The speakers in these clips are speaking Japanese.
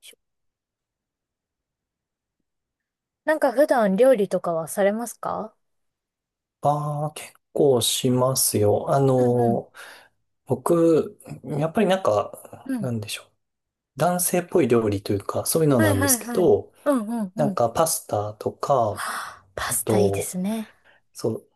しょなんか普段料理とかはされますか？ああ、結構しますよ。うんうん。僕、やっぱりうなん。んでしょう。男性っぽい料理というか、そういうのはないんではすいけはい。ど、うんうんなうん。は、んかパスタとか、あ、パあスタいいでと、すね。そ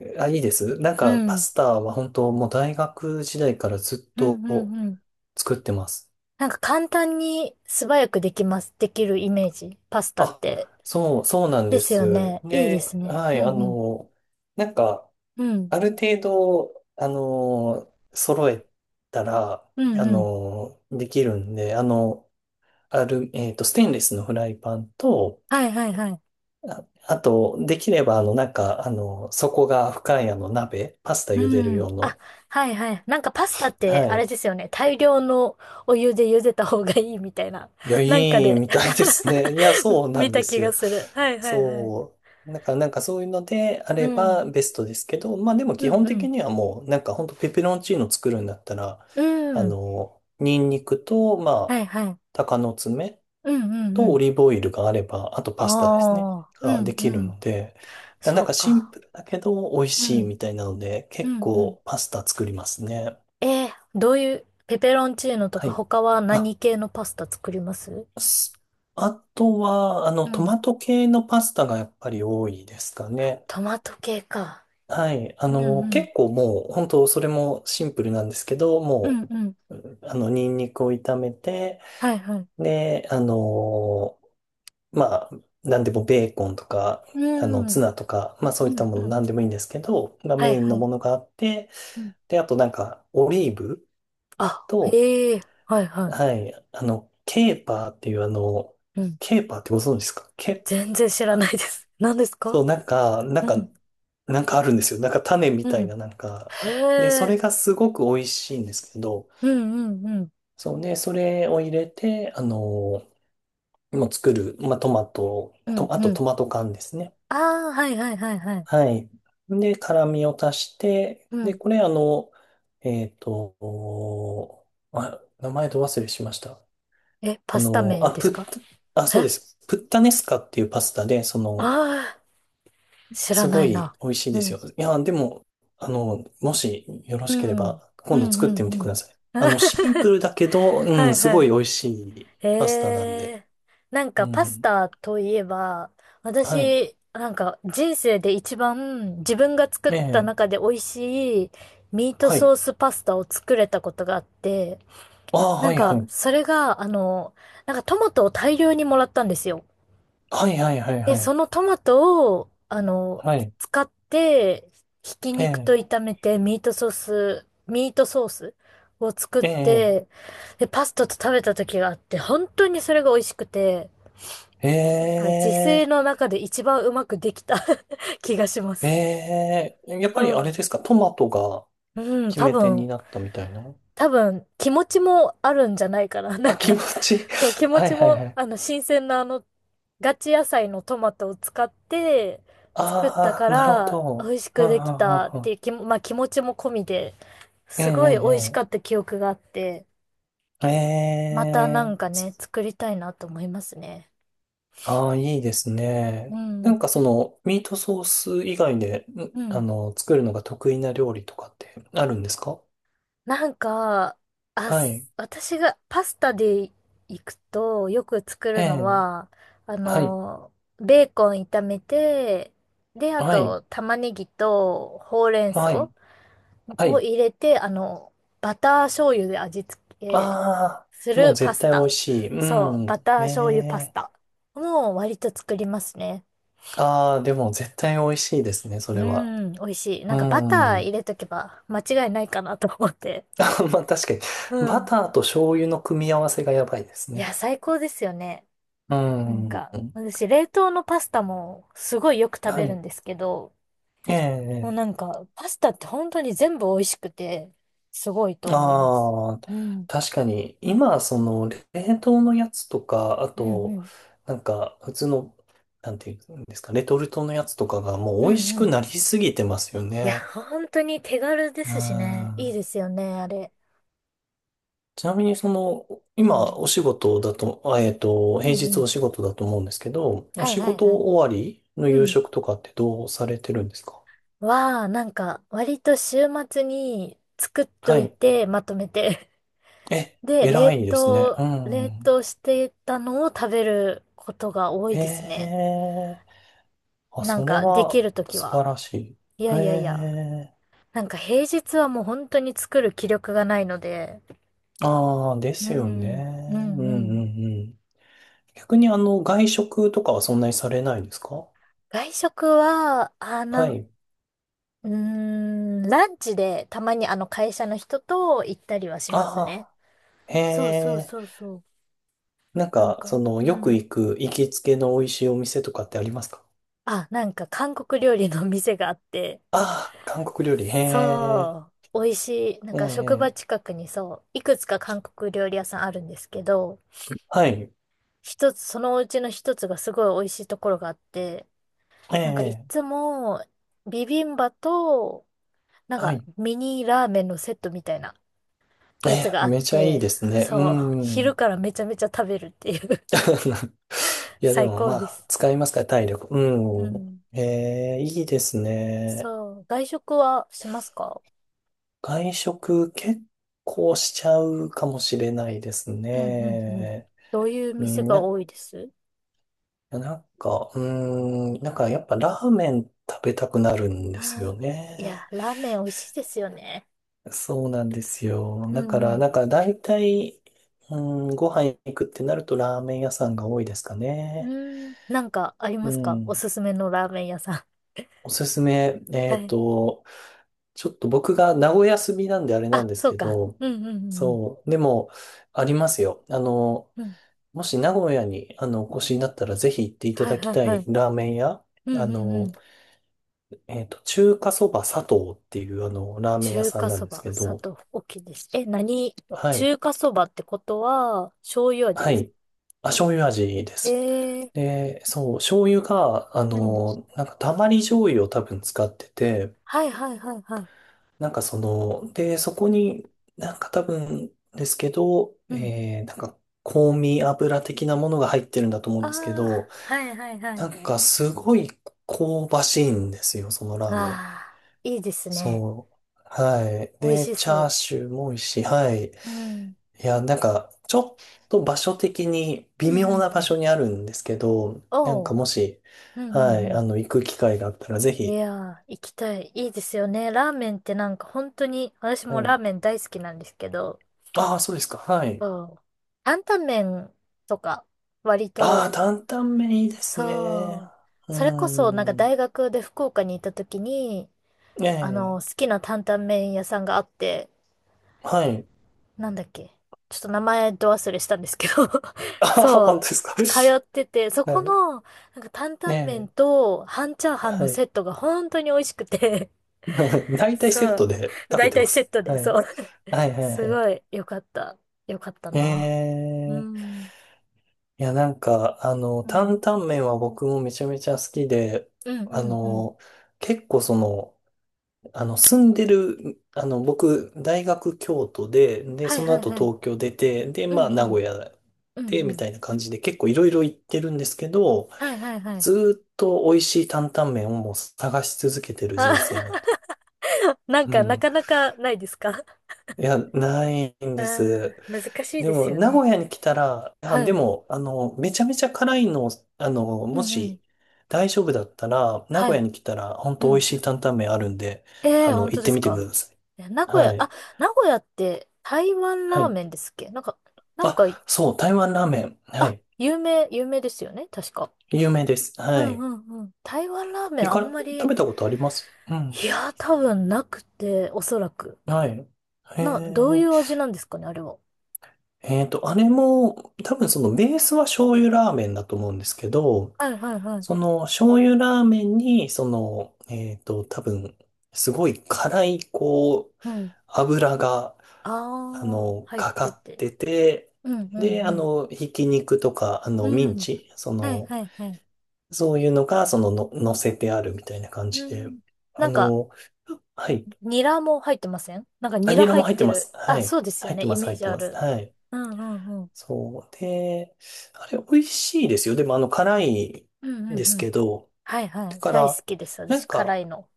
う、あ、いいです。なんうかパん。スタは本当もう大学時代からずっうとんうんうん。作ってます。なんか簡単に素早くできます。できるイメージ。パスタっあ、て。そう、そうなんでですよす。ね。いいですね、ね。はうい、んうん。なんか、うん。ある程度、揃えたら、うんうん。できるんで、あの、ある、えっと、ステンレスのフライパンと、はいはいはい。あ、あと、できれば、底が深い、鍋、パスタう茹でるん。用あ、の、はいはい。なんかパスタってはあれい。ですよね。大量のお湯で茹でた方がいいみたいな。いや、なんかいいで みたいですね。いや、そう な見んでた気すがよ。する。はいはいはい。そう。なんかそういうのであうれん。ばベストですけど、まあでも基うん本う的ん。にはもう、なんかほんとペペロンチーノ作るんだったら、うん。ニンニクと、まはいあ、はい。鷹の爪うんうんうとオん。リーブオイルがあれば、あとパスタですね。ああ。うがでんうきるのん。で、だそなんうかシンか。プルだけど美味うしいん。みたいなので、う結んうん。構パスタ作りますね。えー、どういう、ペペロンチーノとはかい。他はあ何系のパスタ作ります？すあとは、うトん。マト系のパスタがやっぱり多いですかね。トマト系か。はい。うんうん。結構もう、本当それもシンプルなんですけど、うんもうん。う、うんニンニクを炒めて、はいはい。で、まあ、なんでもベーコンとか、うん。ツナとか、まあそうういったんもうのん。なんでもいいんですけど、がはメいインはのい。ものがあって、うん。で、あとなんか、オリーブあ、と、へえ。はいははい、ケーパーっていうい。うん。ケーパーってご存知ですか全然知らないです。何ですそか？う、うん。なんかあるんですよ。なんか種みたういん。な、なんへか。で、そえ。れがすごく美味しいんですけど、うんうんうん。そうね、それを入れて、もう作る、まあ、トマト、うんと、あうとん。トマト缶ですね。ああ、はいはいはいはい。はい。で、辛味を足して、うで、ん。これ、えっと、あ、名前ど忘れしました。え、あパスタの、名あ、ですプか？ッ、あ、え、そうであ、す。プッタネスカっていうパスタで、その、あー、知らすなごいいな。美味しいうですん。よ。いや、でも、もしよろうしけれん。うんば、う今度作ってんみうてくん。ださい。シンプ ルだけど、うはん、いすはごいい。美味しいパスタなんへで。え。なんうかパスん。タといえば、はい。私、なんか人生で一番自分が作っえたえ。中で美味しいミートはソい。ースパスタを作れたことがあって、ああ、なはんい、はかい。それが、なんかトマトを大量にもらったんですよ。はい、はい、はい、で、はそい。のトマトを、はい。使って、ひきえ肉とえ。炒めてミートソース、ミートソースを作っええ。て、で、パスタと食べた時があって、本当にそれが美味しくて、えなんか自炊え。の中で一番うまくできた 気がします。ええ。やっそぱりあれでう。すか、トマトがうん、決多め手に分、なったみたいな。多分、気持ちもあるんじゃないかな。なんあ、気か、持ちいい。そう、気 持はい、ちはい、も、はい。新鮮なあの、ガチ野菜のトマトを使って作ったあかあ、なるほら、美ど。味しうんくうできんたっうんうんていう気も、まあ気持ちも込みで、ええ、すごい美ええ、味しかっえた記憶があって、えまたなえんかね、作りたいなと思いますね。ああ、いいですうね。なん。んかその、ミートソース以外で、んうん。作るのが得意な料理とかってあるんですか？なんか、あ、はい。す、私がパスタで行くとよく作えるのえは、あはい。の、ベーコン炒めて、で、あはい。と玉ねぎとほうれんはい。草はをい。入れて、バター醤油で味付あけあ、すもうるパ絶ス対美タ。味しい。うそう、ん。バターえ醤油パスえタ。もう割と作りますね。ああ、でも絶対美味しいですね、そうれは。ん、美味しい。なうんかバター入ん。れとけば間違いないかなと思って。まあ確かに、うバん。ターと醤油の組み合わせがやばいですいや、ね。最高ですよね。うなんん。か、私、冷凍のパスタもすごいよく食はべるい。んですけど、えもうえなえんか、パスタって本当に全部美味しくて、すごいと思います。ああ、うん。確かに、今、その、冷凍のやつとか、あうんうと、ん。普通の、なんていうんですか、レトルトのやつとかがもうう美味んしうん。くいなりすぎてますよや、ね。本当に手軽でうすしね。いいん。ですよね、あれ。ちなみに、その、う今、ん。お仕事だと、う平んう日ん。お仕事だと思うんですけど、おはい仕はい事は終わりのい。う夕ん。食とかってどうされてるんですか？は、なんか、割と週末に作っとはいい。て、まとめて。え、で、偉冷いですね。凍、う冷ん。凍してたのを食べることが多えいですね。えあ、なんそれかできはるとき素は。晴らしい。いやいやいや。ええなんか平日はもう本当に作る気力がないので。ああ、でうすよね。ん、うん、ううんうん。んうん。逆に外食とかはそんなにされないですか？外食は、あ、なはん、い。うーん、ランチでたまにあの会社の人と行ったりはしあますね。あ、へそうそうえ。そうそう。なんなんか、そか、の、うよくん。行く行きつけの美味しいお店とかってありますか？あ、なんか韓国料理の店があって。ああ、韓国料理。へそえ。う。美味しい。なんえか職場え。近くにそう、いくつか韓国料理屋さんあるんですけど、はい。一つ、そのうちの一つがすごい美味しいところがあって、えなんかいえ。つもビビンバと、なんはかい。ミニラーメンのセットみたいなえやつがえ、あっめちゃいいて、ですね。うそう、昼ん。からめちゃめちゃ食べるっていう いや、で最も高まであ、す。使いますから、体力。ううん。ん。えー、いいですね。そう、外食はしますか？外食結構しちゃうかもしれないですうんうんうん。ね。どういうう店ん、がな、多いです？なんか、うなんかやっぱラーメン食べたくなるんですあよー、いや、ね。ラーメン美味しいですよね。そうなんですよ。うだから、んなんか大体、うん、ご飯行くってなるとラーメン屋さんが多いですかうね。ん。うーん、なんかありうますか、おん。すすめのラーメン屋さおすすめ、ん。はい。ちょっと僕が名古屋住みなんであれなんあ、ですそうけか。ど、うんうんうんうそう、でも、ありますよ。ん。うん。もし名古屋に、お越しになったら、ぜひ行っていたはいだきはいたはいい。ラーメン屋、うんうあんうの、ん。中華そば佐藤っていう、ラーメン屋中さん華なそんですば、け砂ど、糖、大きいです。え、何？はい、中華そばってことは、醤油味はですか？い、あ、醤油味でえす。えー、で、そう、醤油が、うん。たまり醤油を多分使ってて、はいはいはいはい。なんかその、で、そこに多分ですけど、うん。香味油的なものが入ってるんだと思うあんですけど、あ、はいはいはない。んかすごい香ばしいんですよ、そのラーあメン。あ、いいですね。そう。はい。美味で、しチャーそシューも美味しい。はい。う。うん。いや、なんかちょっと場所的にう微んう妙んなう場ん。所にあるんですけど、なんおかう。もし、うんうはんい、う行く機会があったらぜん。いひ、やー、行きたい。いいですよね。ラーメンってなんか本当に、私はもラーいメン大好きなんですけど、ああ、そうですか。はい。そう。担々麺とか、割ああ、と、担々麺いいですね。そう。うそれこそ、なんかーん。大学で福岡に行った時に、ええ。好きな担々麺屋さんがあって、はい。なんだっけ。ちょっと名前ど忘れしたんですけど ああ、そ本う。当ですか。通ってて、そ はこい。の、なんか担え々麺え。と半チャーハンはのセい。ットが本当に美味しくて 大体そセットう。で食だべいてたいまセッす。トで、はそい。う。はいはいすはごい良かった。良かったい。えな。うえ。ん。いや、なんか、う担ん。々麺は僕もめちゃめちゃ好きで、うんあうんうん。の、結構その、あの、住んでる、あの、僕、大学京都で、で、はいそのはい後はい。東京出て、で、うんまあ、名う古ん。屋うんで、うみたん。いな感じで、結構いろいろ行ってるんですけど、はいはいはい。ずーっと美味しい担々麺をもう探し続けてるあ 人生なんで。なんうか、なん。かなかないですか？ いや、ない んあであ、す。難しいでですも、よ名古ね。屋に来たら、あ、はでい。も、めちゃめちゃ辛いのを、うもんうん。し、大丈夫だったら、名は古屋い。に来たら、本う当美ん。味しい担々麺あるんで、ええ、本行っ当でてすみてくだか？さい。え、名古は屋、あ、い。名古屋って台湾はラーい。メンですっけ、なんか、なんか、あ、そう、台湾ラーメン。はあ、い。有名、有名ですよね確か。有名です。うはんい。うんうん。台湾ラーメンあんま食り、べたことありますうん。いやー、多分なくて、おそらく。はい。へな、どういえ。う味なんですかねあれは。あれも、多分そのベースは醤油ラーメンだと思うんですけど、はいはいはい。その醤油ラーメンに、その、えっと、多分、すごい辛い、こう、うん。油が、ああ、入っかかてって。てて、うんうで、んうん。ひき肉とか、うミンん。チ、そはいの、はいはい。そういうのが、その、の、乗せてあるみたいな感うじで。ん。なあんか、の、はい。ニラも入ってません？なんかあ、ニラニラ入もっ入っててまる。す。はあ、い。そうですよ入っね。てイます、メー入っジてあます。る。はい。うんうんうん。そう。で、あれ、美味しいですよ。でも、辛いうんんうでんすうん。けど、はいはだい。か大好ら、きです。な私、ん辛か、いの。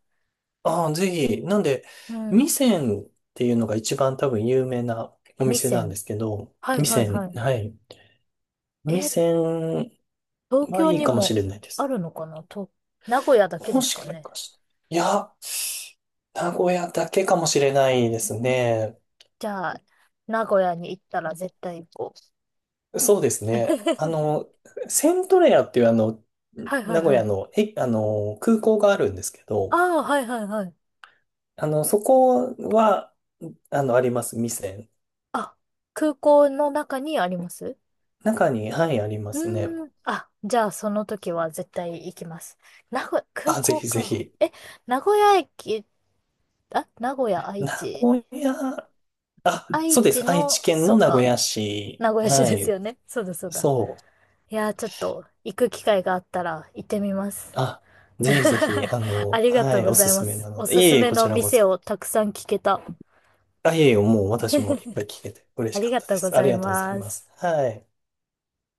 ああ、ぜひ、なんで、うん。味仙っていうのが一番多分有名なお味店なん仙。ですけど、はい味はいは仙、い。はい。味え、仙東は京いいにかもしもれないであす。るのかなと、名古屋だけでもすかしね。かして。いや、名古屋だけかもしれないですね。じゃあ、名古屋に行ったら絶対行こそうですう。ね。セントレアっていうあの、はいはい名古は屋い。の、え、空港があるんですけあど、あ、はいはいはい。そこは、あります、店。あ、空港の中にあります？中に、はい、ありますね。うーん。あ、じゃあその時は絶対行きます。名古屋、空あ、ぜ港ひぜか。ひ。え、名古屋駅、あ、名古屋、愛名知。古屋、あ、愛そうで知す。愛知の、県そのっ名古か、屋市。名古屋市はですい。よね。そうだそうだ。そう。いやー、ちょっと行く機会があったら行ってみます。あ、ぜひぜひ、ありがはとうい、ごおざすいすまめす。なのおで。いすえすいえ、めこのちらこ店そ。をたくさん聞けた。あ、いえいえ、もう私もいっぱい聞けて嬉あしりかっがたでとうごす。あざりいがとうございまます。す。はい。